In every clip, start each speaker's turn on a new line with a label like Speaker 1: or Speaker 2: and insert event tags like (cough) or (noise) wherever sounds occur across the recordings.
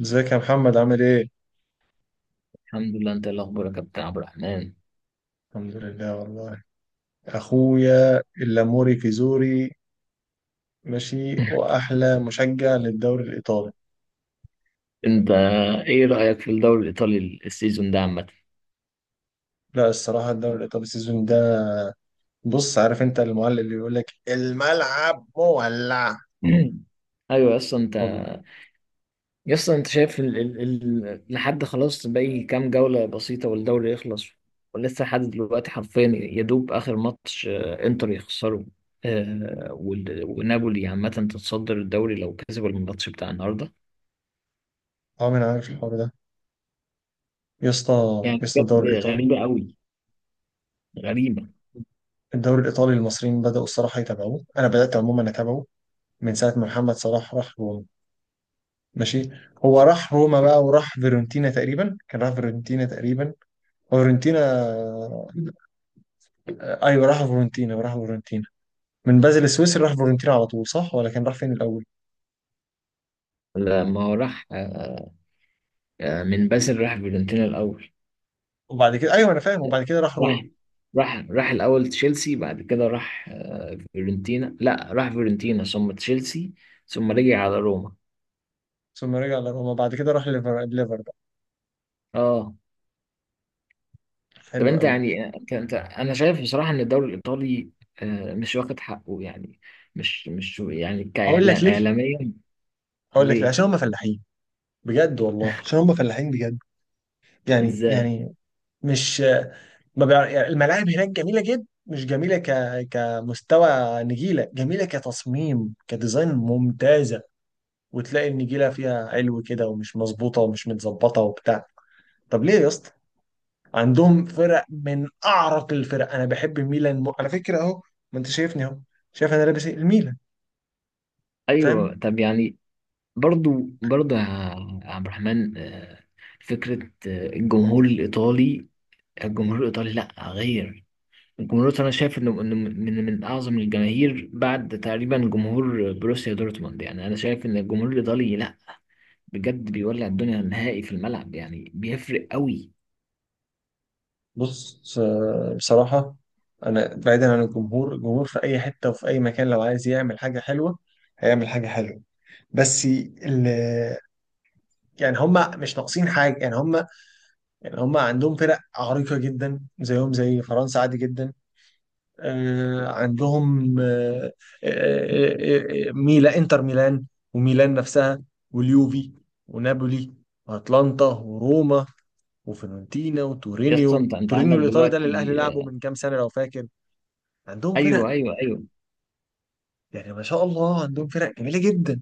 Speaker 1: ازيك يا محمد عامل ايه؟
Speaker 2: الحمد لله. انت ايه الاخبار يا كابتن عبد الرحمن؟ (laughs)
Speaker 1: الحمد لله والله. اخويا اللاموري كيزوري. ماشي، واحلى مشجع للدوري الايطالي.
Speaker 2: انت ايه رايك في الدوري الايطالي السيزون ده عامه؟
Speaker 1: لا، الصراحه الدوري الايطالي السيزون ده. بص، عارف انت المعلق اللي بيقول لك الملعب مولع.
Speaker 2: (clears throat) ايوه يس انت.
Speaker 1: والله
Speaker 2: يس، انت شايف لحد خلاص باقي كام جوله بسيطه والدوري يخلص. ولسه لحد دلوقتي حرفيا يدوب اخر ماتش، انتر يخسره، آه، وال... ونابولي عامه تتصدر الدوري لو كسب الماتش بتاع النهارده.
Speaker 1: عمري ما عارف الحوار ده. يا اسطى.
Speaker 2: يعني
Speaker 1: يا اسطى،
Speaker 2: بجد
Speaker 1: الدوري الايطالي.
Speaker 2: غريبه قوي، غريبه.
Speaker 1: الدوري الايطالي المصريين بداوا الصراحه يتابعوه، انا بدات عموما اتابعه من ساعه ما محمد صلاح راح روما. ماشي. هو راح روما بقى وراح فيرونتينا تقريبا، كان راح فيرونتينا تقريبا. هو فيرونتينا؟ آه، ايوه راح فورنتينا راح فورنتينا. من بازل السويسري راح فورنتينا على طول، صح ولا كان راح فين الاول؟
Speaker 2: لما هو راح، من بازل راح فيورنتينا الاول.
Speaker 1: وبعد كده ايوه انا فاهم، وبعد كده راح روما.
Speaker 2: راح راح الأول تشيلسي، بعد كده راح فيورنتينا. لا، راح فيورنتينا ثم تشيلسي ثم رجع على روما.
Speaker 1: ثم رجع لروما، بعد كده راح ليفر ليفر بقى.
Speaker 2: اه، طب
Speaker 1: حلو
Speaker 2: انت
Speaker 1: قوي.
Speaker 2: يعني، انت انا شايف بصراحة ان الدوري الإيطالي مش واخد حقه يعني. مش يعني
Speaker 1: هقول لك
Speaker 2: كإعلام،
Speaker 1: ليه.
Speaker 2: إعلاميا.
Speaker 1: هقول لك ليه،
Speaker 2: ليه؟
Speaker 1: عشان هم فلاحين. بجد والله، عشان هم فلاحين بجد. يعني
Speaker 2: ازاي؟
Speaker 1: يعني مش ما بيع... يعني الملاعب هناك جميله جدا، مش جميله ك... كمستوى. نجيله جميله كتصميم، كديزاين ممتازه. وتلاقي النجيله فيها علو كده ومش مظبوطه ومش متظبطه وبتاع. طب ليه يا اسطى؟ عندهم فرق من اعرق الفرق، انا بحب ميلان م... على فكره اهو. ما انت شايفني اهو، شايف انا لابس ايه؟ الميلان.
Speaker 2: ايوه،
Speaker 1: فاهم.
Speaker 2: طب يعني، برضو برضو يا عبد الرحمن، فكرة، الجمهور الإيطالي، الجمهور الإيطالي لا غير. الجمهور انا شايف انه انه من اعظم الجماهير بعد تقريبا جمهور بروسيا دورتموند. يعني انا شايف ان الجمهور الايطالي لا، بجد بيولع الدنيا نهائي في الملعب، يعني بيفرق قوي.
Speaker 1: بص س- بصراحه انا بعيدا عن الجمهور، الجمهور في اي حته وفي اي مكان لو عايز يعمل حاجه حلوه هيعمل حاجه حلوه. بس ال... يعني هم مش ناقصين حاجه، يعني هم عندهم فرق عريقه جدا، زيهم زي فرنسا عادي جدا. عندهم آه، آه، آه، آه، ميلا انتر ميلان. وميلان نفسها. واليوفي. ونابولي. واتلانتا وروما. وفيورنتينا
Speaker 2: يا اسطى،
Speaker 1: وتورينيو،
Speaker 2: انت عندك
Speaker 1: تورينيو الايطالي ده اللي
Speaker 2: دلوقتي.
Speaker 1: الاهلي لعبه من كام سنه لو فاكر. عندهم
Speaker 2: ايوه
Speaker 1: فرق.
Speaker 2: ايوه ايوه.
Speaker 1: يعني ما شاء الله عندهم فرق جميله جدا.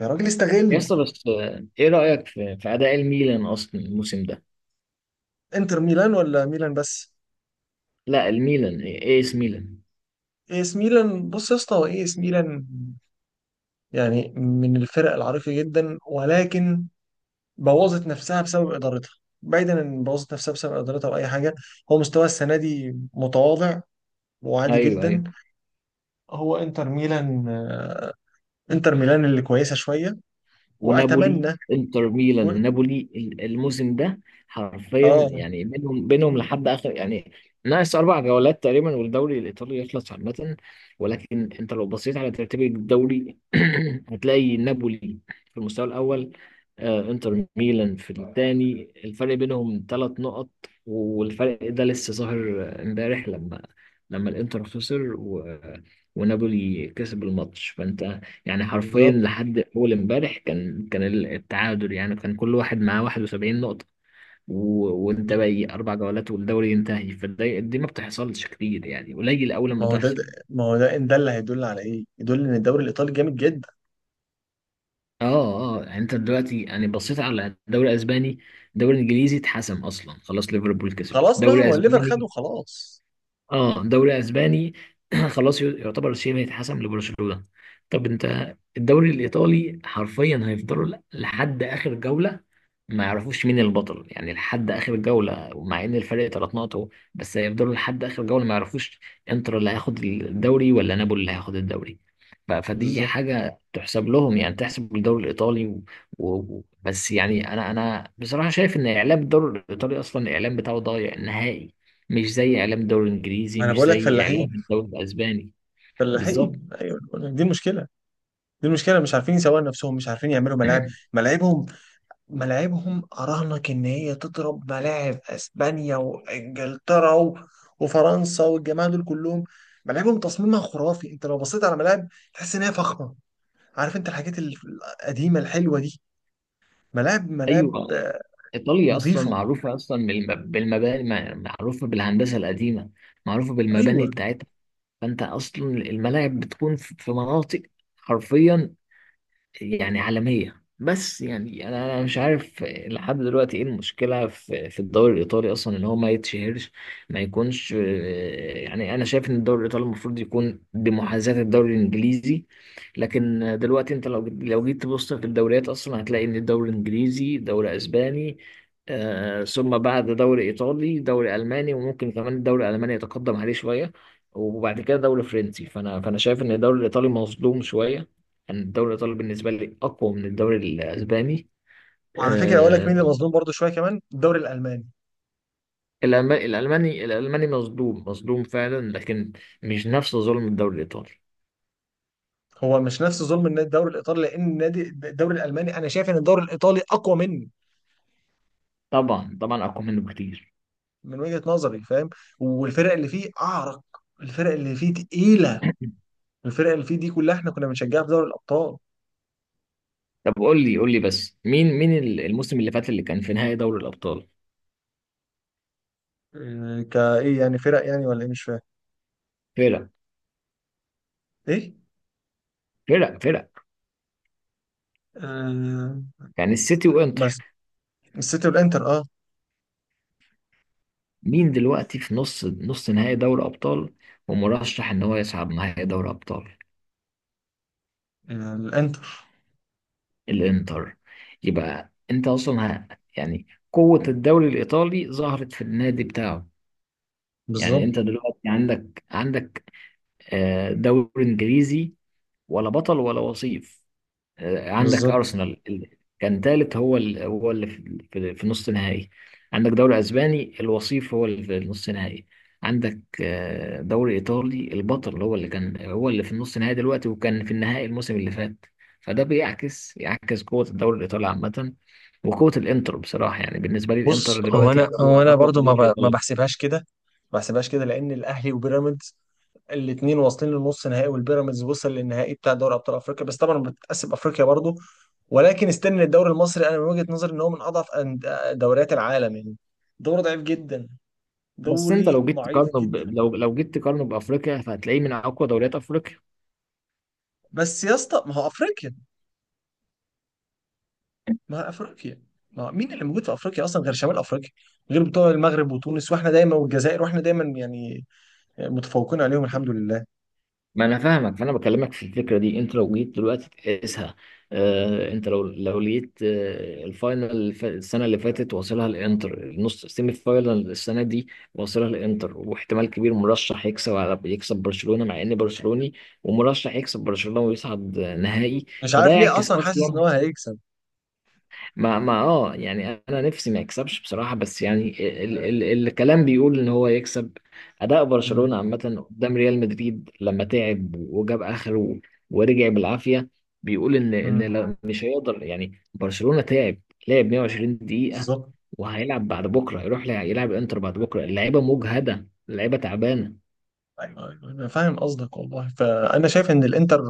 Speaker 1: يا راجل
Speaker 2: يا
Speaker 1: استغل.
Speaker 2: اسطى، بس ايه رايك في اداء الميلان اصلا الموسم ده؟
Speaker 1: انتر ميلان ولا ميلان بس؟
Speaker 2: لا، الميلان، ايه إيه اس ميلان.
Speaker 1: اي اس ميلان. بص يا اسطى، هو اي اس ميلان يعني من الفرق العريقه جدا، ولكن بوظت نفسها بسبب ادارتها. بعيدا ان بوظت نفسها بسبب ادارتها او اي حاجه، هو مستواه السنه دي متواضع وعادي
Speaker 2: ايوه
Speaker 1: جدا.
Speaker 2: ايوه.
Speaker 1: هو انتر ميلان انتر ميلان اللي كويسه شويه.
Speaker 2: ونابولي.
Speaker 1: واتمنى.
Speaker 2: انتر
Speaker 1: و...
Speaker 2: ميلان ونابولي الموسم ده حرفيا
Speaker 1: اه.
Speaker 2: يعني بينهم لحد اخر يعني. ناقص اربع جولات تقريبا والدوري الايطالي يخلص عامه. ولكن انت لو بصيت على ترتيب الدوري (clears throat) هتلاقي نابولي في المستوى الاول، انتر ميلان في الثاني، الفرق بينهم ثلاث نقط. والفرق ده لسه ظاهر، امبارح لما، لما الانتر خسر و... آه، ونابولي كسب الماتش. فانت يعني حرفيا
Speaker 1: بالظبط.
Speaker 2: لحد اول امبارح كان التعادل، يعني كان كل واحد معاه 71 نقطة و... وانت باقي اربع جولات والدوري ينتهي. فدي، دي ما بتحصلش كتير، يعني قليل اول
Speaker 1: ما
Speaker 2: ما
Speaker 1: هو ده.
Speaker 2: تحصل.
Speaker 1: ما هو ده، ان ده اللي هيدل على ايه؟ يدل ان الدوري الايطالي جامد جدا.
Speaker 2: اه اه، يعني انت دلوقتي يعني بصيت على الدوري الاسباني، الدوري الانجليزي اتحسم اصلا خلاص، ليفربول كسبت
Speaker 1: خلاص بقى، ما
Speaker 2: دوري
Speaker 1: هو الليفر خده
Speaker 2: اسباني.
Speaker 1: خلاص.
Speaker 2: اه، دوري اسباني (clears throat) خلاص، يعتبر شبه اتحسم لبرشلونة. طب انت الدوري الايطالي حرفيا هيفضلوا لحد اخر جولة ما يعرفوش مين البطل. يعني لحد اخر جولة مع ان الفرق ثلاث نقط أهو، بس هيفضلوا لحد اخر جولة ما يعرفوش انتر اللي هياخد الدوري ولا نابولي اللي هياخد الدوري. فدي
Speaker 1: بالظبط.
Speaker 2: حاجة تحسب لهم، يعني تحسب الدوري الإيطالي. بس يعني أنا بصراحة شايف إن إعلام الدوري الإيطالي أصلا الإعلام بتاعه ضايع نهائي، مش زي اعلام الدوري الانجليزي،
Speaker 1: ما انا
Speaker 2: مش
Speaker 1: بقول لك
Speaker 2: زي اعلام
Speaker 1: فلاحين.
Speaker 2: الدوري الاسباني. بالظبط.
Speaker 1: فلاحين، ايوه، أنا بقول لك دي المشكله. دي المشكله مش عارفين يسوقوا نفسهم، مش عارفين يعملوا ملاعب.
Speaker 2: (clears throat)
Speaker 1: ملاعبهم. ملاعبهم أراهنك إن هي تضرب ملاعب أسبانيا وإنجلترا و- وفرنسا والجماعة دول كلهم. ملاعبهم تصميمها خرافي، أنت لو بصيت على ملاعب تحس إن هي فخمة. عارف أنت الحاجات ال- القديمة الحلوة دي. ملاعب
Speaker 2: ايوه،
Speaker 1: ملاعب
Speaker 2: ايطاليا اصلا
Speaker 1: نظيفة.
Speaker 2: معروفه اصلا بالمباني، معروفه بالهندسه القديمه، معروفه بالمباني
Speaker 1: أيوه.
Speaker 2: بتاعتها. فانت اصلا الملاعب بتكون في مناطق حرفيا يعني عالمية. بس يعني أنا مش عارف لحد دلوقتي إيه المشكلة في الدوري الإيطالي أصلا إن هو ما يتشهرش، ما يكونش يعني. أنا شايف إن الدوري الإيطالي المفروض يكون بمحاذاة الدوري الإنجليزي، لكن دلوقتي أنت لو جيت تبص في الدوريات أصلا هتلاقي إن الدوري الإنجليزي، دوري أسباني، ثم بعد دوري إيطالي، دوري ألماني، وممكن كمان الدوري الألماني يتقدم عليه شوية، وبعد كده دوري فرنسي. فأنا شايف إن الدوري الإيطالي مظلوم شوية. يعني الدوري الإيطالي بالنسبة لي أقوى من الدوري الأسباني.
Speaker 1: وعلى فكرة أقول لك مين اللي
Speaker 2: آه.
Speaker 1: مظلوم برضه شوية كمان؟ الدوري الألماني.
Speaker 2: الألماني مصدوم، مصدوم فعلا، لكن مش نفس ظلم الدوري الإيطالي.
Speaker 1: هو مش نفس ظلم النادي الدوري الإيطالي، لأن النادي الدوري الألماني أنا شايف إن الدوري الإيطالي أقوى منه.
Speaker 2: طبعا طبعا، أقوى منه بكتير.
Speaker 1: من وجهة نظري، فاهم. والفرق اللي فيه أعرق. الفرق اللي فيه تقيلة.
Speaker 2: (clears throat) (laughs)
Speaker 1: الفرق اللي فيه دي كلها احنا كنا بنشجعها في دوري الابطال.
Speaker 2: طب قول لي، قول لي بس، مين الموسم اللي فات اللي كان في نهائي دوري الأبطال؟
Speaker 1: كايه يعني فرق يعني ولا ايه؟ مش فاهم.
Speaker 2: فرق
Speaker 1: ايه.
Speaker 2: فرق فرق.
Speaker 1: آه،
Speaker 2: يعني السيتي وإنتر.
Speaker 1: بس السيتي والانتر اه.
Speaker 2: مين دلوقتي في نص نهائي دوري أبطال ومرشح إن هو يصعد نهائي دوري أبطال؟
Speaker 1: الانتر.
Speaker 2: الانتر. يبقى انت اصلا، يعني قوة الدوري الايطالي ظهرت في النادي بتاعه. يعني
Speaker 1: بالظبط.
Speaker 2: انت دلوقتي عندك دوري انجليزي، ولا بطل ولا وصيف، عندك
Speaker 1: بالظبط.
Speaker 2: ارسنال كان ثالث هو هو اللي في نص نهائي. عندك دوري اسباني، الوصيف هو اللي في نص نهائي. عندك دوري ايطالي، البطل هو اللي كان، هو اللي في النص نهائي دلوقتي، وكان في النهائي الموسم اللي فات. فده يعكس قوة الدوري الايطالي عامة، وقوة الانتر بصراحة. يعني بالنسبة لي
Speaker 1: بص،
Speaker 2: الانتر
Speaker 1: هو
Speaker 2: دلوقتي
Speaker 1: انا
Speaker 2: اقوى اقوى
Speaker 1: برضو
Speaker 2: فريق في
Speaker 1: ما
Speaker 2: ايطاليا.
Speaker 1: بحسبهاش كده. ما بحسبهاش كده لان الاهلي وبيراميدز الاثنين واصلين للنص نهائي، والبيراميدز وصل للنهائي بتاع دوري ابطال افريقيا، بس طبعا بتتقسم افريقيا برضو. ولكن استنى، الدوري المصري انا من وجهة نظري ان هو من اضعف أن- دوريات العالم يعني. دوري ضعيف جدا.
Speaker 2: بس انت لو
Speaker 1: دوري
Speaker 2: جيت
Speaker 1: ضعيف.
Speaker 2: تقارنه لو جيت تقارنه بافريقيا فهتلاقيه من اقوى دوريات افريقيا.
Speaker 1: بس يا اسطى ما هو افريقيا. ما افريقيا. ما هو مين اللي موجود في افريقيا اصلا غير شمال افريقيا؟ غير بتوع المغرب وتونس، واحنا دايما، والجزائر، واحنا دايما يعني متفوقين عليهم الحمد لله.
Speaker 2: ما انا فاهمك، فانا بكلمك في الفكره دي. انت لو جيت دلوقتي تقيسها، آه، انت لو لقيت آه الفاينل السنه اللي فاتت واصلها الانتر، النص سيمي فاينل السنه دي واصلها الانتر، واحتمال كبير مرشح يكسب، يكسب برشلونه، مع اني برشلوني، ومرشح يكسب برشلونه ويصعد نهائي.
Speaker 1: مش
Speaker 2: فده
Speaker 1: عارف ليه،
Speaker 2: يعكس
Speaker 1: اصلا حاسس ان
Speaker 2: اصلا.
Speaker 1: هو هيكسب.
Speaker 2: ما ما اه يعني انا نفسي ما يكسبش بصراحه، بس يعني ال ال ال الكلام بيقول ان هو يكسب. اداء
Speaker 1: امم.
Speaker 2: برشلونه عامه قدام ريال مدريد لما تعب وجاب اخره ورجع بالعافيه، بيقول ان
Speaker 1: امم.
Speaker 2: مش هيقدر يعني. برشلونه تعب، لعب 120 دقيقه،
Speaker 1: بالظبط.
Speaker 2: وهيلعب بعد بكره، يروح يلعب انتر بعد بكره، اللعيبه مجهده، اللعيبه تعبانه.
Speaker 1: ايوه ايوه انا فاهم قصدك والله، فانا شايف ان الانتر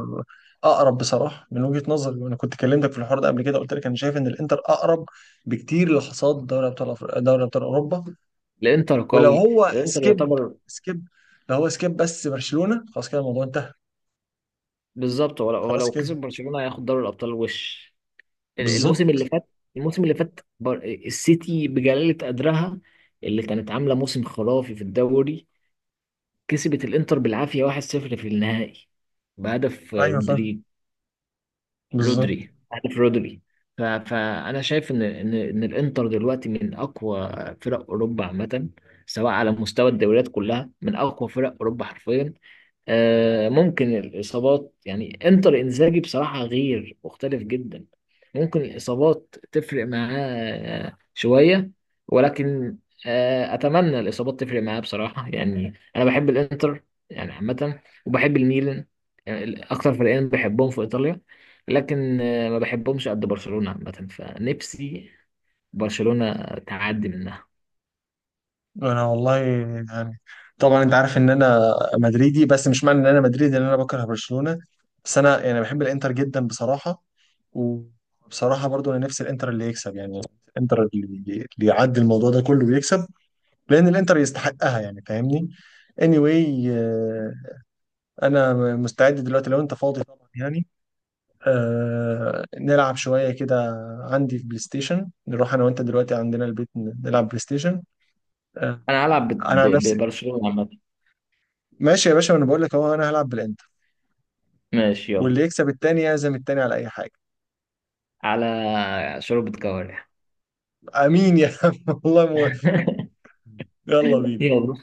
Speaker 1: اقرب بصراحه من وجهه نظري، وانا كنت كلمتك في الحوار ده قبل كده، قلت لك انا شايف ان الانتر اقرب بكتير لحصاد دوري ابطال أفر- دوري ابطال اوروبا.
Speaker 2: الانتر
Speaker 1: ولو
Speaker 2: قوي،
Speaker 1: هو
Speaker 2: الانتر
Speaker 1: سكيب،
Speaker 2: يعتبر.
Speaker 1: سكيب، لو هو سكيب بس برشلونه خلاص كده الموضوع انتهى.
Speaker 2: بالظبط. هو لو هو
Speaker 1: خلاص
Speaker 2: لو
Speaker 1: كده.
Speaker 2: كسب برشلونه هياخد دوري الابطال. وش الموسم اللي
Speaker 1: بالظبط.
Speaker 2: فات، الموسم اللي فات، السيتي بجلالة قدرها، اللي كانت عاملة موسم خرافي في الدوري، كسبت الانتر بالعافية 1-0 في النهائي بهدف
Speaker 1: ايوه فاهم.
Speaker 2: رودريجو.
Speaker 1: بالظبط.
Speaker 2: رودري، عارف رودري. فانا شايف ان الانتر دلوقتي من اقوى فرق اوروبا عامه، سواء على مستوى الدوريات كلها، من اقوى فرق اوروبا حرفيا. ممكن الاصابات، يعني انتر انزاجي بصراحه غير، مختلف جدا، ممكن الاصابات تفرق معاه شويه. ولكن، اتمنى الاصابات تفرق معاه بصراحه. يعني انا بحب الانتر يعني عامه، وبحب الميلان، يعني اكتر فريقين بحبهم في ايطاليا. لكن ما بحبهمش قد برشلونة عامة، فنفسي برشلونة تعدي منها.
Speaker 1: انا والله يعني، طبعا انت عارف ان انا مدريدي، بس مش معنى ان انا مدريدي ان انا بكره برشلونة. بس انا يعني بحب الانتر جدا بصراحة. وبصراحة برضو انا نفسي الانتر اللي يكسب يعني، الانتر اللي يعدي الموضوع ده كله ويكسب، لان الانتر يستحقها، يعني فاهمني. anyway انا مستعد دلوقتي لو انت فاضي طبعا، يعني آه نلعب شوية كده. عندي في بلاي ستيشن، نروح أنا وأنت دلوقتي عندنا البيت ن- نلعب بلاي ستيشن. آه.
Speaker 2: انا هلعب ب-
Speaker 1: أنا عن
Speaker 2: ب-
Speaker 1: نفسي.
Speaker 2: ببرشلونة عامة.
Speaker 1: ماشي يا باشا، أنا بقول لك أهو أنا هلعب بالإنتر.
Speaker 2: ماشي، يلا.
Speaker 1: واللي يكسب التاني يعزم التاني على أي حاجة.
Speaker 2: على شوربة كوارع.
Speaker 1: أمين يا عم (laughs) والله مو...
Speaker 2: (laughs)
Speaker 1: يلا بينا.
Speaker 2: يلا.